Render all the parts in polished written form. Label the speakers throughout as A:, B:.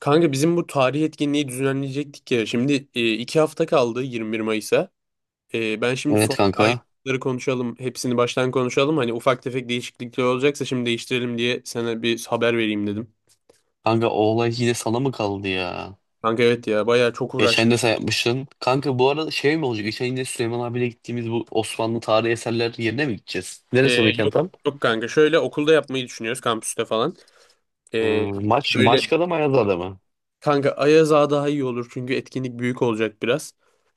A: Kanka bizim bu tarih etkinliği düzenleyecektik ya. Şimdi iki hafta kaldı 21 Mayıs'a. Ben şimdi
B: Evet
A: son
B: kanka.
A: ayrıntıları konuşalım. Hepsini baştan konuşalım. Hani ufak tefek değişiklikler olacaksa şimdi değiştirelim diye sana bir haber vereyim dedim.
B: Kanka o olay yine sana mı kaldı ya?
A: Kanka evet ya bayağı çok
B: Geçen de sen
A: uğraştık.
B: yapmışsın. Kanka bu arada şey mi olacak? Geçen yine Süleyman abiyle gittiğimiz bu Osmanlı tarihi eserler yerine mi gideceğiz?
A: E,
B: Neresi o mekan
A: yok
B: tam?
A: yok kanka şöyle okulda yapmayı düşünüyoruz kampüste falan. E, böyle
B: Maçka'da mı Ayaza'da mı?
A: Kanka Ayaz Ağa daha iyi olur çünkü etkinlik büyük olacak biraz.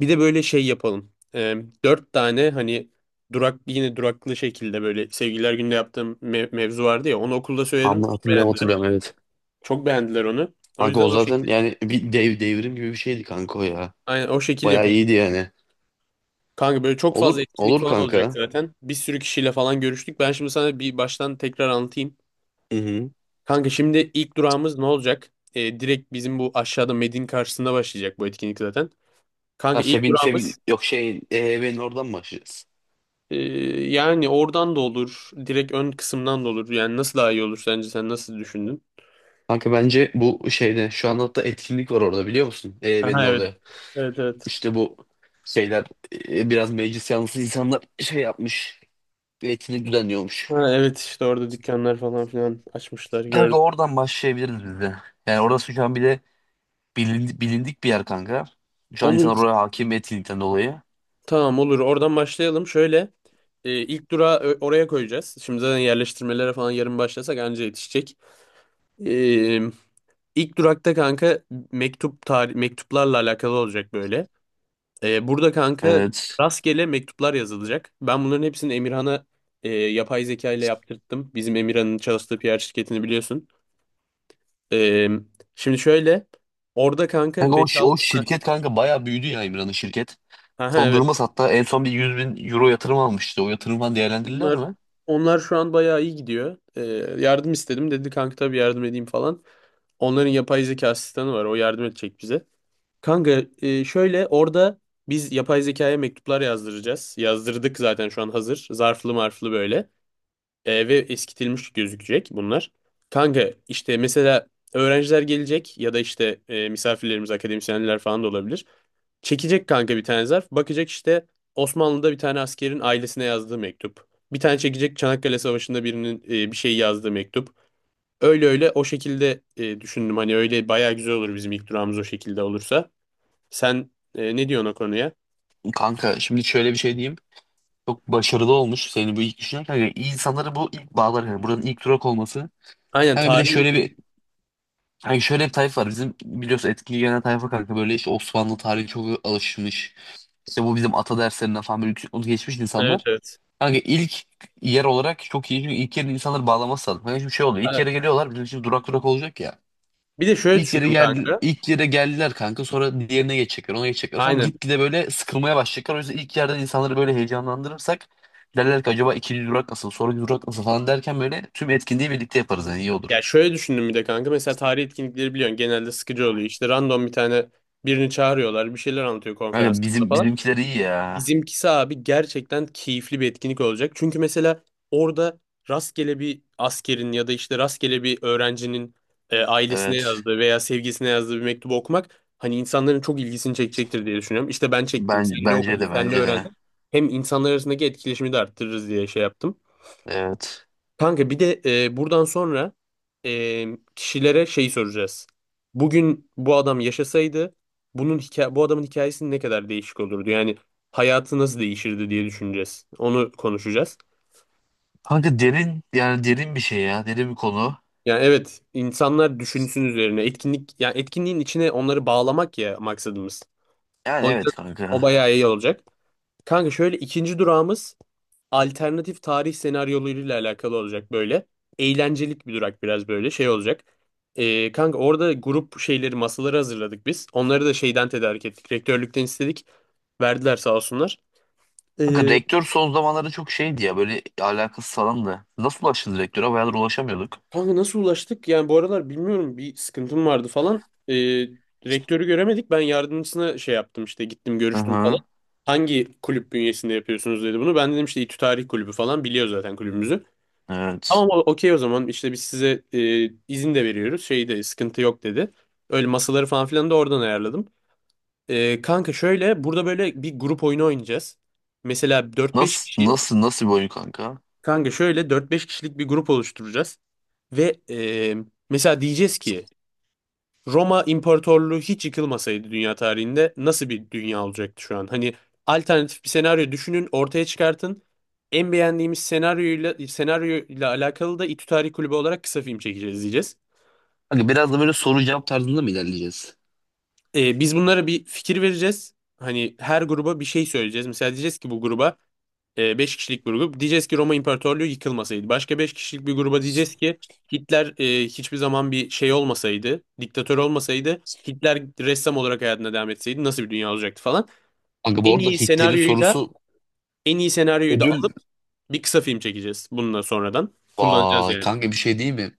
A: Bir de böyle şey yapalım. Dört tane hani durak yine duraklı şekilde böyle sevgililer günde yaptığım mevzu vardı ya onu okulda söyledim
B: Anla,
A: çok
B: hatırlıyorum
A: beğendiler.
B: hatırlıyorum evet.
A: Çok beğendiler onu. O
B: Kanka
A: yüzden
B: o
A: o
B: zaten
A: şekilde.
B: yani bir devrim gibi bir şeydi kanka o ya.
A: Aynen o şekil
B: Bayağı
A: yapalım.
B: iyiydi yani.
A: Kanka böyle çok
B: Olur
A: fazla etkinlik
B: olur
A: falan olacak
B: kanka.
A: zaten. Bir sürü kişiyle falan görüştük. Ben şimdi sana bir baştan tekrar anlatayım.
B: Hı hı.
A: Kanka şimdi ilk durağımız ne olacak? Direkt bizim bu aşağıda Medin karşısında başlayacak bu etkinlik zaten. Kanka
B: Ya
A: ilk
B: Febin
A: durağımız
B: Febin yok, şey, EYB'nin oradan mı başlayacağız?
A: Ee, Yani oradan da olur. Direkt ön kısımdan da olur. Yani nasıl daha iyi olur sence? Sen nasıl düşündün?
B: Kanka bence bu şeyde şu an hatta etkinlik var orada biliyor musun? EYB'nin
A: Aha, evet.
B: orada.
A: Evet, evet.
B: İşte bu şeyler biraz meclis yanlısı insanlar şey yapmış. Bir etkinlik düzenliyormuş.
A: Ha, evet işte orada dükkanlar falan filan açmışlar gördüm.
B: Kanka oradan başlayabiliriz biz de. Yani orası şu an bir de bilindik bir yer kanka. Şu an
A: Olur.
B: insanlar oraya hakim etkinlikten dolayı.
A: Tamam, olur. Oradan başlayalım. Şöyle ilk durağı oraya koyacağız. Şimdi zaten yerleştirmelere falan yarın başlasak anca yetişecek. E, ilk durakta kanka mektup tarih mektuplarla alakalı olacak böyle. Burada kanka
B: Evet.
A: rastgele mektuplar yazılacak. Ben bunların hepsini Emirhan'a yapay zeka ile yaptırttım. Bizim Emirhan'ın çalıştığı PR şirketini biliyorsun. Ee, şimdi şöyle orada kanka
B: Kanka o
A: 5-6
B: şirket kanka bayağı büyüdü ya, İmran'ın şirket.
A: ha
B: Son durumu
A: evet
B: hatta en son bir 100.000 euro yatırım almıştı. O yatırımdan değerlendirirler
A: bunlar
B: mi?
A: onlar şu an bayağı iyi gidiyor. Yardım istedim dedi kanka tabii yardım edeyim falan. Onların yapay zeka asistanı var o yardım edecek bize. Kanka şöyle orada biz yapay zekaya mektuplar yazdıracağız. Yazdırdık zaten şu an hazır. Zarflı marflı böyle. Ve eskitilmiş gözükecek bunlar. Kanka işte mesela öğrenciler gelecek ya da işte misafirlerimiz akademisyenler falan da olabilir. Çekecek kanka bir tane zarf. Bakacak işte Osmanlı'da bir tane askerin ailesine yazdığı mektup. Bir tane çekecek Çanakkale Savaşı'nda birinin bir şey yazdığı mektup. Öyle öyle o şekilde düşündüm. Hani öyle bayağı güzel olur bizim ilk durağımız o şekilde olursa. Sen ne diyorsun o konuya?
B: Kanka şimdi şöyle bir şey diyeyim. Çok başarılı olmuş. Senin bu ilk düşünen kanka. İyi, insanları bu ilk bağlar. Yani buranın ilk durak olması.
A: Aynen,
B: Kanka bir de
A: tarihi.
B: şöyle bir Yani şöyle bir tayfa var. Bizim biliyorsun etkili gelen tayfa kanka, böyle işte Osmanlı tarihi çok alışmış. İşte bu bizim ata derslerinden falan böyle yüksek notu geçmiş
A: Evet,
B: insanlar.
A: evet.
B: Kanka ilk yer olarak çok iyi. Çünkü ilk yerin insanları bağlaması lazım. Kanka şimdi şey oluyor. İlk
A: Ha,
B: yere geliyorlar. Bizim şimdi durak durak olacak ya.
A: bir de şöyle düşündüm kanka.
B: İlk yere geldiler kanka. Sonra diğerine geçecekler. Ona geçecekler falan.
A: Aynen.
B: Gitgide böyle sıkılmaya başlayacaklar. O yüzden ilk yerden insanları böyle heyecanlandırırsak derler ki acaba ikinci durak nasıl? Sonraki durak nasıl falan derken böyle tüm etkinliği birlikte yaparız. Yani iyi
A: Ya
B: olur.
A: şöyle düşündüm bir de kanka. Mesela tarih etkinlikleri biliyorsun genelde sıkıcı oluyor. İşte random bir tane birini çağırıyorlar. Bir şeyler anlatıyor
B: Kanka
A: konferansında
B: bizim,
A: falan.
B: bizimkiler iyi ya.
A: Bizimkisi abi gerçekten keyifli bir etkinlik olacak. Çünkü mesela orada rastgele bir askerin ya da işte rastgele bir öğrencinin ailesine
B: Evet.
A: yazdığı veya sevgisine yazdığı bir mektubu okumak hani insanların çok ilgisini çekecektir diye düşünüyorum. İşte ben çektim.
B: Ben,
A: Senle
B: bence
A: okudum,
B: de
A: senle
B: bence de.
A: öğrendin? Hem insanlar arasındaki etkileşimi de arttırırız diye şey yaptım.
B: Evet.
A: Kanka bir de buradan sonra e, kişilere şey soracağız. Bugün bu adam yaşasaydı bunun hikaye bu adamın hikayesi ne kadar değişik olurdu? Yani hayatı nasıl değişirdi diye düşüneceğiz. Onu konuşacağız.
B: Kanka derin, yani derin bir şey ya. Derin bir konu.
A: Yani evet insanlar düşünsün üzerine etkinlik yani etkinliğin içine onları bağlamak ya maksadımız.
B: Yani
A: O yüzden
B: evet
A: o
B: kanka.
A: bayağı iyi olacak. Kanka şöyle ikinci durağımız alternatif tarih senaryolarıyla alakalı olacak böyle. Eğlencelik bir durak biraz böyle şey olacak. Kanka orada grup şeyleri masaları hazırladık biz. Onları da şeyden tedarik ettik. Rektörlükten istedik. Verdiler sağ olsunlar.
B: Kanka
A: Ee,
B: rektör son zamanlarda çok şeydi ya, böyle alakasız falan da. Nasıl ulaştınız rektöre? Bayağıdır ulaşamıyorduk.
A: kanka nasıl ulaştık? Yani bu aralar bilmiyorum bir sıkıntım vardı falan. Rektörü göremedik. Ben yardımcısına şey yaptım işte gittim
B: Hı
A: görüştüm falan.
B: hı.
A: Hangi kulüp bünyesinde yapıyorsunuz dedi bunu. Ben dedim işte İTÜ Tarih Kulübü falan biliyor zaten kulübümüzü.
B: Evet.
A: Tamam okey o zaman işte biz size izin de veriyoruz. Şey de sıkıntı yok dedi. Öyle masaları falan filan da oradan ayarladım. Kanka şöyle burada böyle bir grup oyunu oynayacağız. Mesela dört beş
B: Nasıl
A: kişi
B: nasıl nasıl bir oyun kanka?
A: kanka şöyle dört beş kişilik bir grup oluşturacağız. Ve mesela diyeceğiz ki Roma İmparatorluğu hiç yıkılmasaydı dünya tarihinde nasıl bir dünya olacaktı şu an? Hani alternatif bir senaryo düşünün ortaya çıkartın. En beğendiğimiz senaryoyla alakalı da İTÜ Tarih Kulübü olarak kısa film çekeceğiz diyeceğiz.
B: Kanka biraz da böyle soru cevap tarzında mı ilerleyeceğiz?
A: Biz bunlara bir fikir vereceğiz. Hani her gruba bir şey söyleyeceğiz. Mesela diyeceğiz ki bu gruba 5 kişilik bir grup. Diyeceğiz ki Roma İmparatorluğu yıkılmasaydı. Başka 5 kişilik bir gruba diyeceğiz ki Hitler hiçbir zaman bir şey olmasaydı, diktatör olmasaydı, Hitler ressam olarak hayatına devam etseydi nasıl bir dünya olacaktı falan.
B: Kanka bu
A: En
B: arada
A: iyi
B: Hitler'in
A: senaryoyu da
B: sorusu
A: en iyi senaryoyu da alıp
B: ödül.
A: bir kısa film çekeceğiz bununla sonradan. Kullanacağız
B: Vay
A: yani.
B: kanka, bir şey değil mi?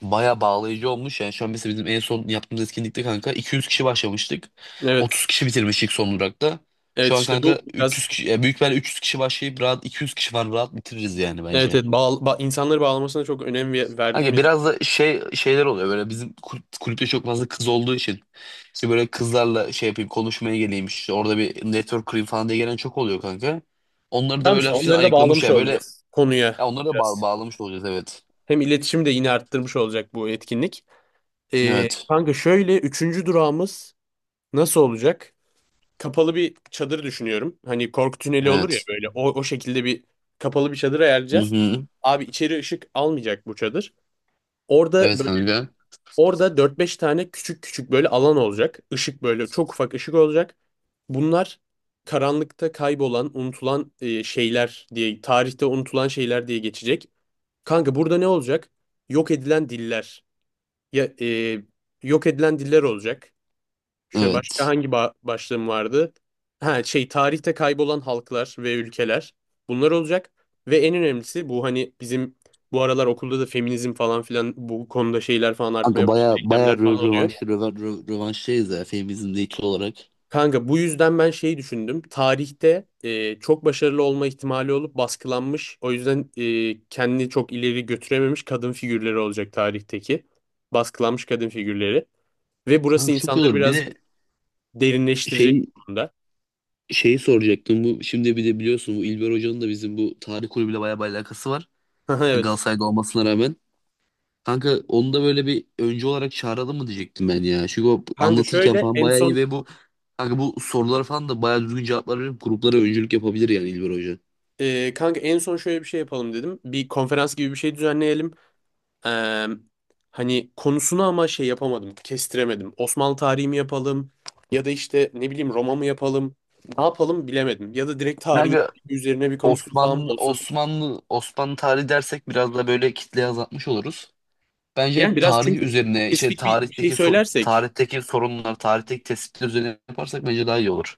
B: Baya bağlayıcı olmuş. Yani şu an mesela bizim en son yaptığımız etkinlikte kanka 200 kişi başlamıştık.
A: Evet.
B: 30 kişi bitirmiştik son olarak da.
A: Evet
B: Şu an
A: işte
B: kanka
A: bu biraz
B: 300 kişi, yani büyük ihtimalle 300 kişi başlayıp rahat 200 kişi var, rahat bitiririz yani
A: evet,
B: bence.
A: insanları bağlamasına çok önem verdim
B: Kanka
A: ya.
B: biraz da şey şeyler oluyor böyle, bizim kulüpte çok fazla kız olduğu için. İşte böyle kızlarla şey yapayım, konuşmaya geleyim, işte orada bir network kurayım falan diye gelen çok oluyor kanka. Onları da
A: Tamam
B: böyle
A: işte
B: hafiften
A: onları da
B: ayıklamış
A: bağlamış
B: ya böyle,
A: olacağız konuya
B: ya onları da
A: biraz.
B: bağlamış olacağız evet.
A: Hem iletişimi de yine arttırmış olacak bu etkinlik.
B: Evet.
A: Kanka şöyle üçüncü durağımız nasıl olacak? Kapalı bir çadır düşünüyorum. Hani korku tüneli olur ya
B: Evet.
A: böyle o şekilde bir kapalı bir çadır
B: Hı
A: ayarlayacağız.
B: hı.
A: Abi içeri ışık almayacak bu çadır. Orada
B: Evet
A: böyle
B: kanka.
A: orada dört beş tane küçük küçük böyle alan olacak. Işık böyle çok ufak ışık olacak. Bunlar karanlıkta kaybolan, unutulan şeyler diye, tarihte unutulan şeyler diye geçecek. Kanka burada ne olacak? Yok edilen diller. Ya, e, yok edilen diller olacak. Şöyle başka
B: Evet.
A: hangi başlığım vardı? Ha şey tarihte kaybolan halklar ve ülkeler. Bunlar olacak. Ve en önemlisi bu hani bizim bu aralar okulda da feminizm falan filan bu konuda şeyler falan artmaya
B: Kanka
A: başladı.
B: baya baya
A: Eylemler falan oluyor.
B: rövanştayız ya, feminizmde ilk olarak.
A: Kanka bu yüzden ben şeyi düşündüm. Tarihte çok başarılı olma ihtimali olup baskılanmış. O yüzden kendini çok ileri götürememiş kadın figürleri olacak tarihteki. Baskılanmış kadın figürleri. Ve burası
B: Kanka çok iyi
A: insanları
B: olur. Bir
A: birazcık
B: de
A: derinleştirecek
B: şey
A: bu konuda.
B: şeyi soracaktım. Bu şimdi bir de biliyorsun, bu İlber Hoca'nın da bizim bu tarih kulübüyle baya bir alakası var.
A: Haha, evet.
B: Galatasaray'da olmasına rağmen. Kanka onu da böyle bir öncü olarak çağıralım mı diyecektim ben ya. Çünkü o
A: Kanka
B: anlatırken
A: şöyle
B: falan
A: en
B: baya iyi
A: son
B: ve bu kanka, bu soruları falan da baya düzgün cevaplar verip gruplara öncülük yapabilir yani İlber Hoca.
A: e, kanka en son şöyle bir şey yapalım dedim. Bir konferans gibi bir şey düzenleyelim. Ee, hani konusunu ama şey yapamadım, kestiremedim. Osmanlı tarihi mi yapalım ya da işte ne bileyim Roma mı yapalım? Ne yapalım bilemedim. Ya da direkt tarihin
B: Kanka
A: üzerine bir konuşma falan mı
B: Osmanlı
A: olsun?
B: Osmanlı Osmanlı tarihi dersek biraz da böyle kitleyi azaltmış oluruz.
A: Yani
B: Bence
A: biraz
B: tarih
A: çünkü
B: üzerine,
A: spesifik bir şey söylersek
B: tarihteki sorunlar, tarihteki tespitler üzerine yaparsak bence daha iyi olur.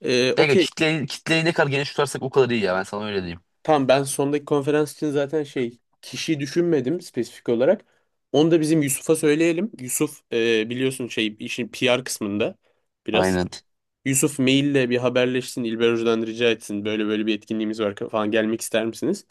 B: Belki
A: okey
B: kitleyi ne kadar geniş tutarsak o kadar iyi ya. Ben sana öyle diyeyim.
A: tamam ben sondaki konferans için zaten şey kişiyi düşünmedim spesifik olarak. Onu da bizim Yusuf'a söyleyelim. Yusuf biliyorsun şey işin PR kısmında biraz.
B: Aynen.
A: Yusuf maille bir haberleşsin. İlber Hoca'dan rica etsin. Böyle böyle bir etkinliğimiz var falan gelmek ister misiniz?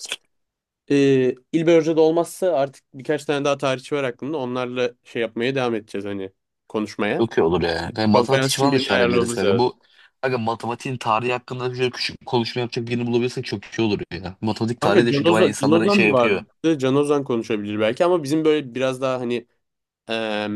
A: İlber Hoca da olmazsa artık birkaç tane daha tarihçi var aklımda. Onlarla şey yapmaya devam edeceğiz hani konuşmaya.
B: Çok iyi olur ya. Yani
A: Konferans
B: matematik
A: için
B: falan da
A: birini
B: çağırabiliriz
A: ayarlamamız
B: kanka.
A: lazım.
B: Bu kanka, matematiğin tarihi hakkında şöyle küçük bir konuşma yapacak birini bulabilirsek çok iyi olur ya. Matematik tarihi
A: Kanka
B: de
A: Can
B: çünkü bayağı
A: Ozan, Can
B: insanları şey
A: Ozan vardı.
B: yapıyor.
A: Can Ozan konuşabilir belki ama bizim böyle biraz daha hani e,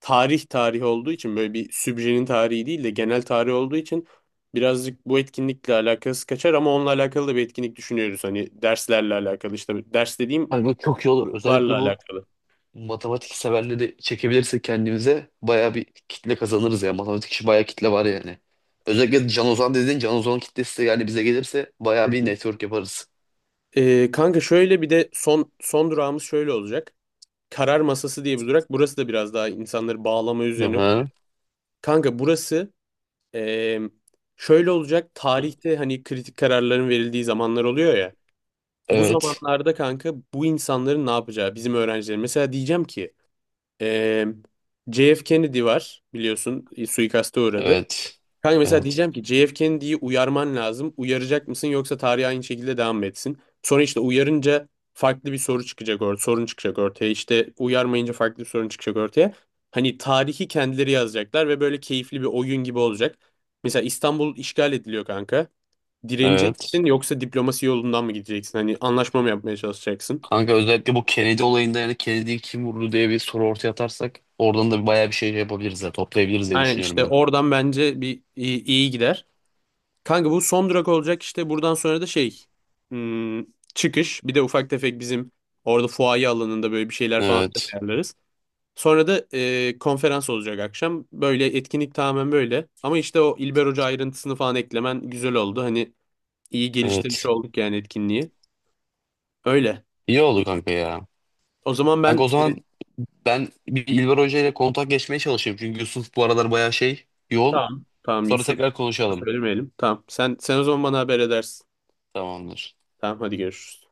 A: tarih olduğu için böyle bir sübjenin tarihi değil de genel tarih olduğu için birazcık bu etkinlikle alakası kaçar ama onunla alakalı da bir etkinlik düşünüyoruz. Hani derslerle alakalı işte ders dediğim
B: Hani bu çok iyi olur.
A: okullarla
B: Özellikle bu
A: alakalı.
B: matematik severleri çekebilirsek kendimize bayağı bir kitle kazanırız ya. Matematik işi bayağı kitle var yani. Özellikle Can Ozan dediğin, Can Ozan kitlesi de yani bize gelirse
A: Hı
B: bayağı bir
A: hı.
B: network yaparız.
A: Kanka şöyle bir de son durağımız şöyle olacak. Karar masası diye bir durak. Burası da biraz daha insanları bağlama üzerine kurulu.
B: Aha.
A: Kanka burası e, şöyle olacak. Tarihte hani kritik kararların verildiği zamanlar oluyor ya. Bu
B: Evet.
A: zamanlarda kanka bu insanların ne yapacağı bizim öğrencilerin. Mesela diyeceğim ki eee JF Kennedy var biliyorsun suikaste uğradı.
B: Evet.
A: Kanka mesela
B: Evet.
A: diyeceğim ki JF Kennedy'yi uyarman lazım. Uyaracak mısın yoksa tarih aynı şekilde devam mı etsin? Sonra işte uyarınca farklı bir soru çıkacak or sorun çıkacak ortaya. İşte uyarmayınca farklı bir sorun çıkacak ortaya. Hani tarihi kendileri yazacaklar ve böyle keyifli bir oyun gibi olacak. Mesela İstanbul işgal ediliyor kanka. Direnecek
B: Evet.
A: yoksa diplomasi yolundan mı gideceksin? Hani anlaşma mı yapmaya çalışacaksın?
B: Kanka özellikle bu Kennedy olayında, yani Kennedy'yi kim vurdu diye bir soru ortaya atarsak oradan da bayağı bir şey yapabiliriz ya, toplayabiliriz diye
A: Yani
B: düşünüyorum
A: işte
B: ben.
A: oradan bence iyi gider. Kanka bu son durak olacak işte buradan sonra da hmm, çıkış. Bir de ufak tefek bizim orada fuaye alanında böyle bir şeyler falan filan
B: Evet.
A: ayarlarız. Sonra da konferans olacak akşam. Böyle etkinlik tamamen böyle. Ama işte o İlber Hoca ayrıntısını falan eklemen güzel oldu. Hani iyi geliştirmiş
B: Evet.
A: olduk yani etkinliği. Öyle.
B: İyi oldu kanka ya.
A: O zaman
B: Kanka
A: ben
B: o
A: e,
B: zaman, ben bir İlber Hoca ile kontak geçmeye çalışayım. Çünkü Yusuf bu aralar bayağı yoğun.
A: Tamam. Tamam,
B: Sonra
A: Yusuf
B: tekrar konuşalım.
A: söylemeyelim. Tamam. Sen o zaman bana haber edersin.
B: Tamamdır.
A: Tamam, hadi görüşürüz.